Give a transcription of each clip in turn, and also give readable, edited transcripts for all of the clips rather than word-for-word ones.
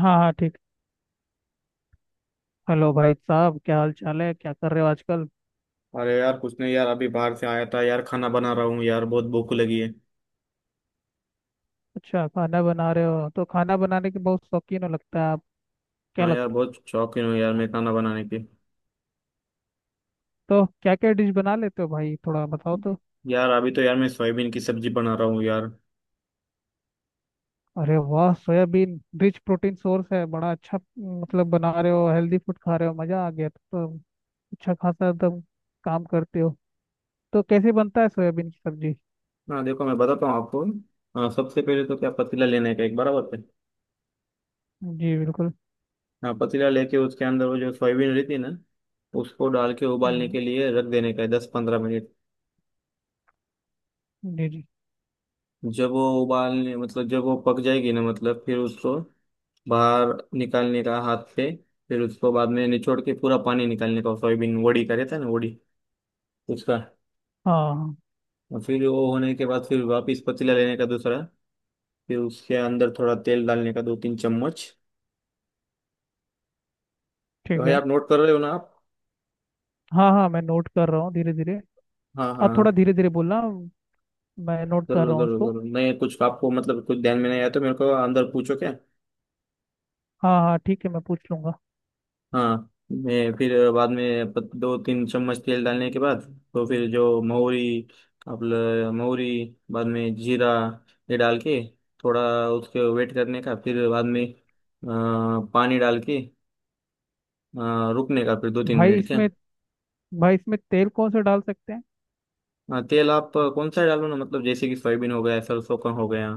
हाँ हाँ ठीक। हेलो भाई साहब, क्या हाल चाल है? क्या कर रहे हो आजकल? अरे यार कुछ नहीं यार, अभी बाहर से आया था यार, खाना बना रहा हूँ यार, बहुत भूख लगी है। अच्छा खाना बना रहे हो तो खाना बनाने के बहुत शौकीन हो लगता है आप। क्या हाँ यार, लगता। बहुत शौकीन हूँ यार मैं खाना बनाने की। तो क्या क्या डिश बना लेते हो भाई, थोड़ा बताओ तो। यार अभी तो यार मैं सोयाबीन की सब्जी बना रहा हूँ यार। अरे वाह, सोयाबीन रिच प्रोटीन सोर्स है, बड़ा अच्छा। मतलब बना रहे हो हेल्दी फूड खा रहे हो, मजा आ गया तो। अच्छा खासा एकदम काम करते हो। तो कैसे बनता है सोयाबीन की सब्जी? हाँ देखो मैं बताता हूँ आपको। हाँ सबसे पहले तो क्या, पतीला लेने का एक बराबर है। जी बिल्कुल। हाँ पतीला लेके उसके अंदर वो जो सोयाबीन रहती है ना, उसको डाल के उबालने हम्म। के लिए रख देने का है 10-15 मिनट। जी जी। जब वो उबालने मतलब जब वो पक जाएगी ना, मतलब फिर उसको बाहर निकालने का हाथ पे। फिर उसको बाद में निचोड़ के पूरा पानी निकालने का, सोयाबीन वोडी का रहता है ना, वोडी उसका। हाँ हाँ और फिर वो होने के बाद फिर वापस पतीला लेने का दूसरा। फिर उसके अंदर थोड़ा तेल डालने का, 2-3 चम्मच। ठीक भाई है। आप नोट कर रहे हो ना आप? हाँ हाँ, मैं नोट कर रहा हूँ धीरे धीरे। हाँ हाँ आप थोड़ा हाँ। धीरे धीरे बोलना, मैं नोट कर जरूर रहा हूँ जरूर उसको। जरूर, नहीं कुछ आपको मतलब कुछ ध्यान में नहीं आया तो मेरे को अंदर पूछो क्या। हाँ हाँ ठीक है, मैं पूछ लूंगा। हाँ मैं फिर बाद में 2-3 चम्मच तेल डालने के बाद, तो फिर जो महुरी, महुरी, बाद में जीरा ये डाल के, थोड़ा उसके वेट करने का, फिर बाद में पानी डाल के रुकने का, फिर दो तीन भाई मिनट क्या। इसमें, भाई इसमें तेल कौन सा डाल सकते हैं? हाँ तेल आप कौन सा डालो ना, मतलब जैसे कि सोयाबीन हो गया, सरसों का हो गया।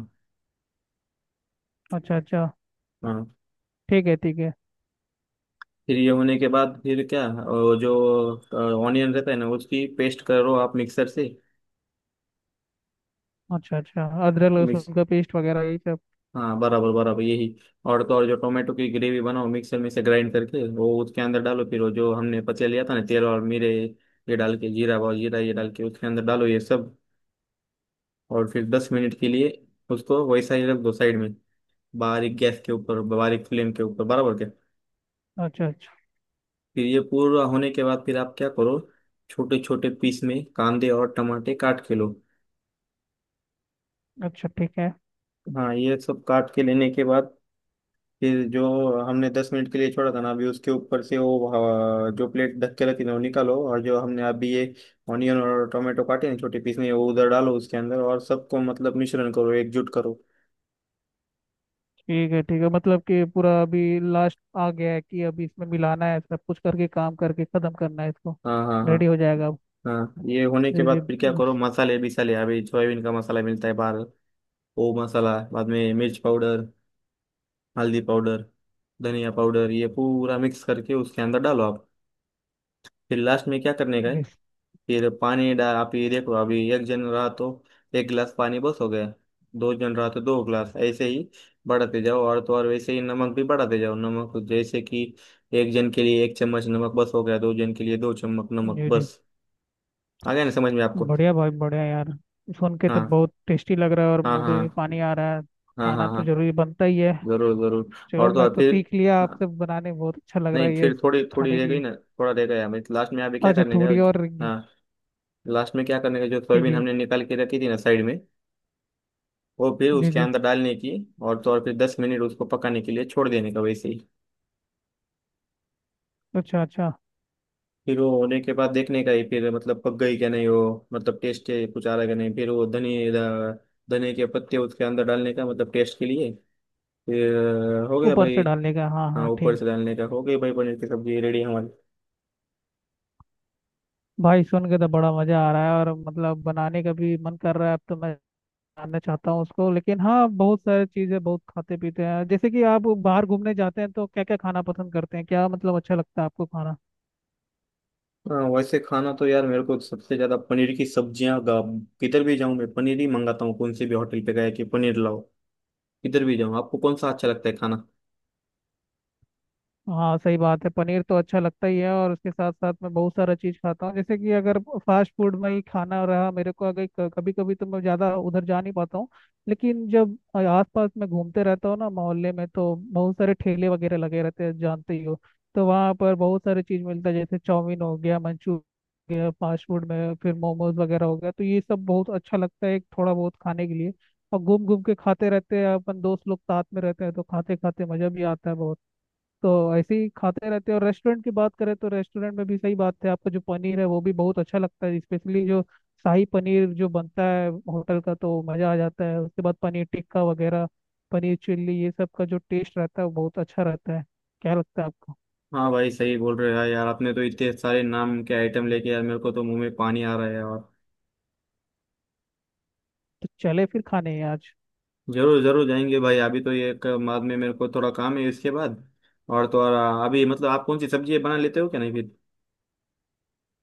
अच्छा अच्छा। हाँ ठीक है ठीक है। फिर ये होने के बाद, फिर क्या, जो ऑनियन रहता है ना, उसकी पेस्ट करो आप मिक्सर से। अच्छा अच्छा, अदरक लहसुन का पेस्ट वगैरह यही सब। हाँ बराबर बराबर, यही। और तो और जो टोमेटो की ग्रेवी बनाओ मिक्सर में से ग्राइंड करके, वो उसके अंदर डालो। फिर वो जो हमने पचे लिया था ना तेल और मिरे, ये डाल के, जीरा और जीरा ये डाल के उसके अंदर डालो ये सब। और फिर 10 मिनट के लिए उसको वैसा ही रख दो साइड में, बारीक गैस के ऊपर, बारीक फ्लेम के ऊपर, बराबर क्या। अच्छा अच्छा। फिर ये पूरा होने के बाद फिर आप क्या करो, छोटे छोटे पीस में कांदे और टमाटे काट के लो। अच्छा ठीक है। हाँ ये सब काट के लेने के बाद फिर जो हमने 10 मिनट के लिए छोड़ा था ना, अभी उसके ऊपर से वो जो प्लेट ढक के रखी थी वो निकालो, और जो हमने अभी ये ऑनियन और टोमेटो काटे ना छोटे पीस में वो उधर डालो उसके अंदर, और सबको मतलब मिश्रण करो, एकजुट करो। ठीक है ठीक है, मतलब कि पूरा अभी लास्ट आ गया है कि अभी इसमें मिलाना है सब कुछ करके, काम करके खत्म करना है इसको। हाँ हाँ हाँ। रेडी हो जाएगा अब। हाँ ये होने के जी बाद जी। फिर क्या करो, मसाले बिसाले, अभी सोयाबीन का मसाला मिलता है बाहर। वो मसाला, बाद में मिर्च पाउडर, हल्दी पाउडर, धनिया पाउडर, ये पूरा मिक्स करके उसके अंदर डालो आप। फिर लास्ट में क्या करने का है? जी फिर पानी डाल, आप ये देखो, अभी एक जन रहा तो एक गिलास पानी बस हो गया। दो जन रहा तो 2 गिलास, ऐसे ही बढ़ाते जाओ। और तो और वैसे ही नमक भी बढ़ाते जाओ। नमक जैसे कि एक जन के लिए एक चम्मच नमक बस हो गया, दो जन के लिए 2 चम्मच नमक जी जी। बस। आ गया ना समझ में आपको? बढ़िया भाई, बढ़िया यार। सुन के तो हाँ बहुत टेस्टी लग रहा है और हाँ मुंह हाँ। में भी पानी आ रहा है। हाँ खाना हाँ तो हाँ। जरूरी बनता ही है। जरूर जरूर। चलो, और तो मैं और तो फिर, सीख लिया आपसे हाँ, बनाने, बहुत अच्छा लग रहा नहीं है ये। फिर थोड़ी थोड़ी खाने रह के गई लिए। ना, थोड़ा रह गया लास्ट में, अभी क्या अच्छा, करने का है? थोड़ी और रहेंगी। हाँ, लास्ट में क्या करने का, जो जी सोयाबीन जी। हमने निकाल के रखी थी ना साइड में, वो फिर जी उसके जी। अंदर डालने की। और तो और फिर 10 मिनट उसको पकाने के लिए छोड़ देने का वैसे ही। अच्छा अच्छा। फिर वो होने के बाद देखने का ही, फिर मतलब पक गई क्या नहीं वो, मतलब टेस्ट कुछ आ रहा क्या नहीं। फिर वो धनिए धनिए के पत्ते उसके अंदर डालने का, मतलब टेस्ट के लिए। फिर हो गया ऊपर से भाई। डालने का, हाँ हाँ हाँ ठीक ऊपर है। से डालने का, हो गई भाई, पनीर की सब्जी रेडी हमारी। भाई सुन के तो बड़ा मजा आ रहा है और मतलब बनाने का भी मन कर रहा है अब तो। मैं जानना चाहता हूँ उसको, लेकिन हाँ बहुत सारी चीजें बहुत खाते पीते हैं। जैसे कि आप बाहर घूमने जाते हैं तो क्या क्या खाना पसंद करते हैं, क्या मतलब अच्छा लगता है आपको खाना? हाँ वैसे खाना तो यार मेरे को सबसे ज्यादा पनीर की सब्जियां। किधर भी जाऊं मैं पनीर ही मंगाता हूँ, कौन से भी होटल पे गया कि पनीर लाओ। किधर भी जाऊँ। आपको कौन सा अच्छा लगता है खाना? हाँ सही बात है, पनीर तो अच्छा लगता ही है और उसके साथ साथ मैं बहुत सारा चीज़ खाता हूँ। जैसे कि अगर फास्ट फूड में ही खाना रहा मेरे को, अगर कभी कभी तो मैं ज़्यादा उधर जा नहीं पाता हूँ। लेकिन जब आस पास में घूमते रहता हूँ ना मोहल्ले में, तो बहुत सारे ठेले वगैरह लगे रहते हैं, जानते ही हो। तो वहाँ पर बहुत सारी चीज़ मिलता है, जैसे चाउमीन हो गया, मंचूरियन हो गया, फास्ट फूड में फिर मोमोज वगैरह हो गया, तो ये सब बहुत अच्छा लगता है थोड़ा बहुत खाने के लिए। और घूम घूम के खाते रहते हैं अपन, दोस्त लोग साथ में रहते हैं तो खाते खाते मज़ा भी आता है बहुत। तो ऐसे ही खाते रहते हैं। और रेस्टोरेंट की बात करें तो रेस्टोरेंट में भी सही बात है, आपका जो पनीर है वो भी बहुत अच्छा लगता है, स्पेशली जो शाही पनीर जो बनता है होटल का, तो मज़ा आ जाता है। उसके बाद पनीर टिक्का वगैरह, पनीर चिल्ली, ये सब का जो टेस्ट रहता है वो बहुत अच्छा रहता है। क्या लगता है आपको? हाँ भाई सही बोल रहे हो यार, यार आपने तो इतने सारे नाम के आइटम लेके यार, मेरे को तो मुंह में पानी आ रहा है। और तो चले फिर खाने हैं आज। जरूर जरूर जाएंगे भाई, अभी तो ये एक, बाद में मेरे को थोड़ा काम है इसके बाद। और तो और अभी मतलब आप कौन सी सब्जी बना लेते हो क्या नहीं फिर?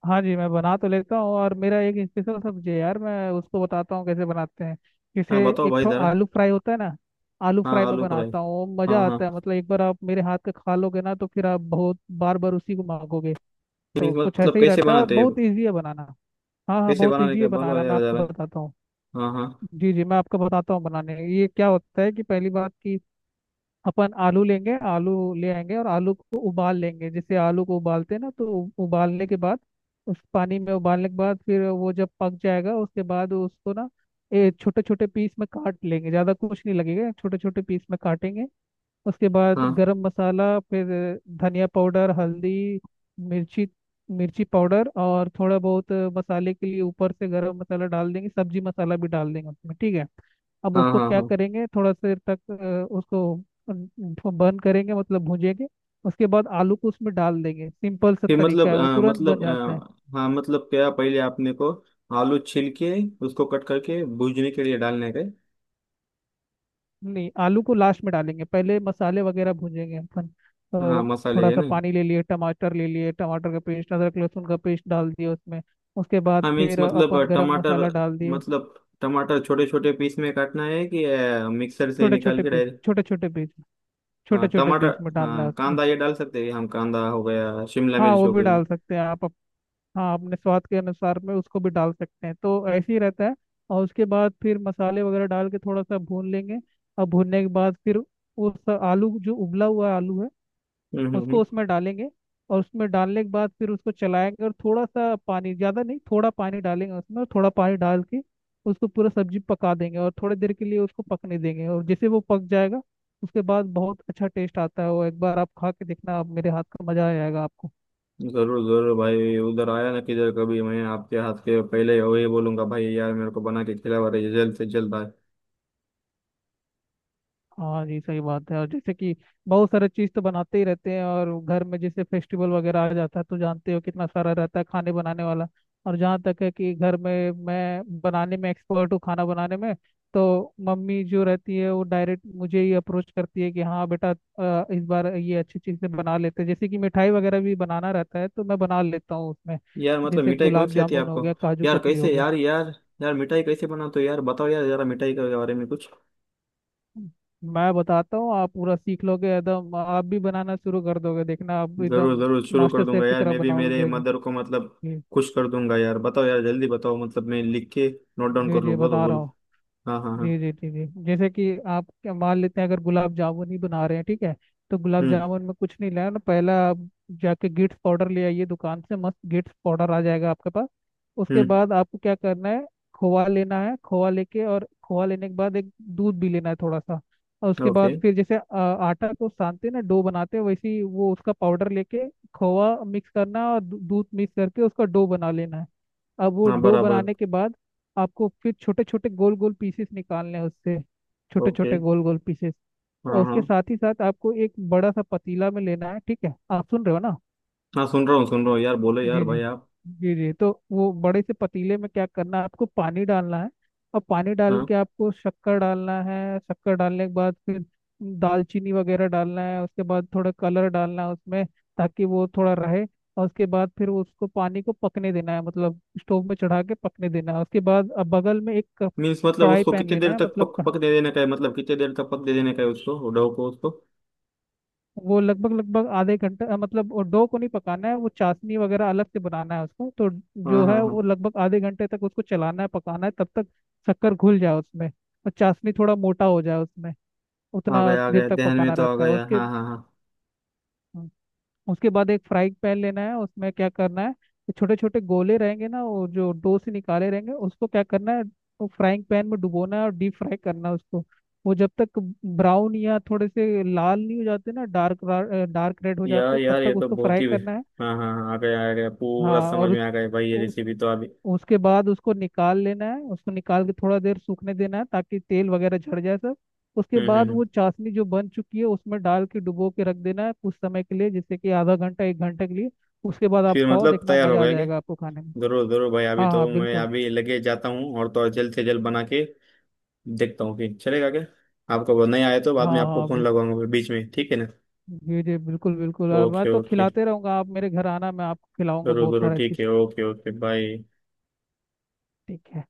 हाँ जी, मैं बना तो लेता हूँ और मेरा एक स्पेशल सब्जी है यार, मैं उसको बताता हूँ कैसे बनाते हैं। जैसे हाँ बताओ एक भाई तो जरा। आलू फ्राई होता है ना, आलू हाँ फ्राई में आलू फ्राई। बनाता हूँ वो हाँ मज़ा आता है। हाँ, मतलब एक बार आप मेरे हाथ का खा लोगे ना, तो फिर आप बहुत बार बार उसी को मांगोगे। नहीं, तो कुछ मतलब ऐसे ही कैसे रहता है और बनाते हैं? बहुत ईजी है बनाना। हाँ हाँ, कैसे बहुत बनाने ईजी का है बोलो बनाना, मैं यार आपको जरा। बताता हूँ। हाँ हाँ जी जी, मैं आपको बताता हूँ बनाने। ये क्या होता है कि पहली बात कि अपन आलू लेंगे, आलू ले आएंगे और आलू को उबाल लेंगे। जैसे आलू को उबालते हैं ना, तो उबालने के बाद, उस पानी में उबालने के बाद फिर वो जब पक जाएगा उसके बाद उसको ना ए छोटे छोटे पीस में काट लेंगे, ज़्यादा कुछ नहीं लगेगा, छोटे छोटे पीस में काटेंगे। उसके बाद हाँ। गरम मसाला, फिर धनिया पाउडर, हल्दी, मिर्ची, मिर्ची पाउडर और थोड़ा बहुत मसाले के लिए ऊपर से गरम मसाला डाल देंगे, सब्जी मसाला भी डाल देंगे उसमें, ठीक है। अब हाँ उसको हाँ क्या हाँ। करेंगे थोड़ा देर तक उसको बर्न करेंगे, मतलब भूनेंगे। उसके बाद आलू को उसमें डाल देंगे, सिंपल सा फिर तरीका मतलब है, वो तुरंत बन जाता है। हाँ मतलब क्या पहले आपने को आलू छील के उसको कट करके भूनने के लिए डालने का है? नहीं, आलू को लास्ट में डालेंगे, पहले मसाले वगैरह भूनेंगे अपन तो। हाँ मसाले थोड़ा है सा ना। पानी ले लिए, टमाटर ले लिए, टमाटर का पेस्ट, अदरक लहसुन का पेस्ट डाल दिया उसमें। उसके बाद हाँ मीन्स फिर मतलब अपन गरम टमाटर, मसाला डाल दिए। मतलब टमाटर छोटे छोटे पीस में काटना है कि मिक्सर से छोटे निकाल छोटे के पीस, डायरेक्ट? छोटे छोटे पीस, हाँ छोटे छोटे टमाटर। पीस में डालना हाँ है उसमें। कांदा ये डाल सकते हैं हम, कांदा हो गया, शिमला हाँ मिर्च वो हो भी गई। डाल सकते हैं आप हाँ अपने स्वाद के अनुसार में उसको भी डाल सकते हैं, तो ऐसे ही रहता है। और उसके बाद फिर मसाले वगैरह डाल के थोड़ा सा भून लेंगे। और भूनने के बाद फिर उस आलू, जो उबला हुआ आलू है, हम्म हम्म हम्म। उसको उसमें डालेंगे। और उसमें डालने के बाद फिर उसको चलाएंगे और थोड़ा सा पानी, ज़्यादा नहीं थोड़ा पानी डालेंगे उसमें, और थोड़ा पानी डाल के उसको पूरा सब्जी पका देंगे और थोड़ी देर के लिए उसको पकने देंगे। और जैसे वो पक जाएगा उसके बाद बहुत अच्छा टेस्ट आता है। वो एक बार आप खा के देखना आप मेरे हाथ का, मज़ा आ जाएगा आपको। जरूर जरूर भाई, उधर आया ना किधर कभी मैं आपके हाथ के, पहले वही बोलूंगा भाई यार, मेरे को बना के खिलावा रही जल्द से जल्द भाई। हाँ जी सही बात है। और जैसे कि बहुत सारे चीज़ तो बनाते ही रहते हैं, और घर में जैसे फेस्टिवल वगैरह आ जाता है तो जानते हो कितना सारा रहता है खाने बनाने वाला। और जहाँ तक है कि घर में मैं बनाने में एक्सपर्ट हूँ, खाना बनाने में। तो मम्मी जो रहती है वो डायरेक्ट मुझे ही अप्रोच करती है कि हाँ बेटा, इस बार ये अच्छी चीज़ें बना लेते हैं। जैसे कि मिठाई वगैरह भी बनाना रहता है तो मैं बना लेता हूँ उसमें। यार मतलब जैसे मिठाई कौन गुलाब सी आती है जामुन हो आपको? गया, काजू यार कतली हो कैसे, गया। यार यार, यार मिठाई कैसे बनाते हो यार, बताओ यार जरा मिठाई के बारे में कुछ। मैं बताता हूँ, आप पूरा सीख लोगे एकदम, आप भी बनाना शुरू कर दोगे देखना, आप जरूर एकदम जरूर शुरू कर मास्टर शेफ दूंगा की यार, तरह मैं भी बनाओगे मेरे मेरे। जी मदर को मतलब जी। खुश कर दूंगा यार। बताओ यार जल्दी बताओ, मतलब मैं लिख के नोट डाउन जी कर जी, लूँ, बोलो बता रहा बोलो। हूँ। हाँ हाँ हाँ। जी जी जी जी। जैसे कि आप क्या मान लेते हैं, अगर गुलाब जामुन ही बना रहे हैं ठीक है, तो गुलाब हम्म जामुन में कुछ नहीं लाना, पहला आप जाके गिट्स पाउडर ले आइए दुकान से, मस्त गिट्स पाउडर आ जाएगा आपके पास। उसके हम्म। बाद आपको क्या करना है, खोआ लेना है। खोआ लेके और खोआ लेने के बाद एक दूध भी लेना है थोड़ा सा। और उसके ओके। बाद फिर, जैसे आटा को सानते हैं ना डो बनाते हैं, वैसे ही वो उसका पाउडर लेके खोआ मिक्स करना है और दूध मिक्स करके उसका डो बना लेना है। अब वो हाँ डो बराबर। बनाने के बाद आपको फिर छोटे छोटे गोल गोल पीसेस निकालने हैं उससे, छोटे ओके। छोटे गोल गोल पीसेस। और हाँ उसके हाँ साथ ही साथ आपको एक बड़ा सा पतीला में लेना है, ठीक है आप सुन रहे हो ना? हाँ, सुन रहा हूँ यार, बोलो यार जी जी। भाई आप। जी जी तो वो बड़े से पतीले में क्या करना है, आपको पानी डालना है। और पानी डाल हाँ के आपको शक्कर डालना है, शक्कर डालने के बाद फिर दालचीनी वगैरह डालना है। उसके बाद थोड़ा कलर डालना है उसमें, ताकि वो थोड़ा रहे। और उसके बाद फिर उसको पानी को पकने देना है, मतलब स्टोव में चढ़ा के पकने देना है। उसके बाद अब बगल में एक मीन्स मतलब कढ़ाई उसको पैन कितने लेना देर है, तक मतलब पक पक दे देने का है, मतलब कितने देर तक पक दे देने का है उसको, डो को उसको? वो लगभग लगभग आधे घंटे, मतलब वो डो को नहीं पकाना है, वो चाशनी वगैरह अलग से बनाना है उसको। तो हाँ जो है हाँ हाँ। वो लगभग आधे घंटे तक उसको चलाना है पकाना है, तब तक शक्कर घुल जाए उसमें और चाशनी थोड़ा मोटा हो जाए उसमें। उतना आ देर गया तक ध्यान में पकाना तो आ रहता है गया। उसके। हाँ हाँ हाँ। उसके बाद एक फ्राइंग पैन लेना है, उसमें क्या करना है, छोटे छोटे गोले रहेंगे ना वो जो डो से निकाले रहेंगे, उसको क्या करना है, वो फ्राइंग पैन में डुबोना है और डीप फ्राई करना है उसको। वो जब तक ब्राउन या थोड़े से लाल नहीं हो जाते ना, डार्क, डार्क रेड हो यार जाते तब यार तक ये तो उसको बहुत फ्राई ही। करना है। हाँ हाँ हाँ, आ गया पूरा हाँ, समझ और में आ गया भाई, ये उस, रेसिपी तो अभी। उसके बाद उसको निकाल लेना है। उसको निकाल के थोड़ा देर सूखने देना है, ताकि तेल वगैरह झड़ जाए सब। उसके हम्म हम्म बाद हम्म। वो चाशनी जो बन चुकी है उसमें डाल के डुबो के रख देना है कुछ समय के लिए, जैसे कि आधा घंटा एक घंटे के लिए। उसके बाद आप फिर खाओ मतलब देखना, तैयार हो मजा आ गए कि? जाएगा आपको खाने में। जरूर जरूर भाई अभी हाँ हाँ तो मैं बिल्कुल। अभी लगे जाता हूँ, और तो और जल्द से जल्द बना के देखता हूँ, फिर चलेगा क्या? आपको वो नहीं आए तो बाद में हाँ आपको हाँ फोन बिल्कुल। लगाऊंगा बीच में, ठीक है ना? जी जी बिल्कुल बिल्कुल, और मैं ओके तो ओके। खिलाते रहूंगा, आप मेरे घर आना मैं आपको खिलाऊंगा जरूर बहुत जरूर सारा ठीक चीज। है, ओके ओके, बाय। ठीक है।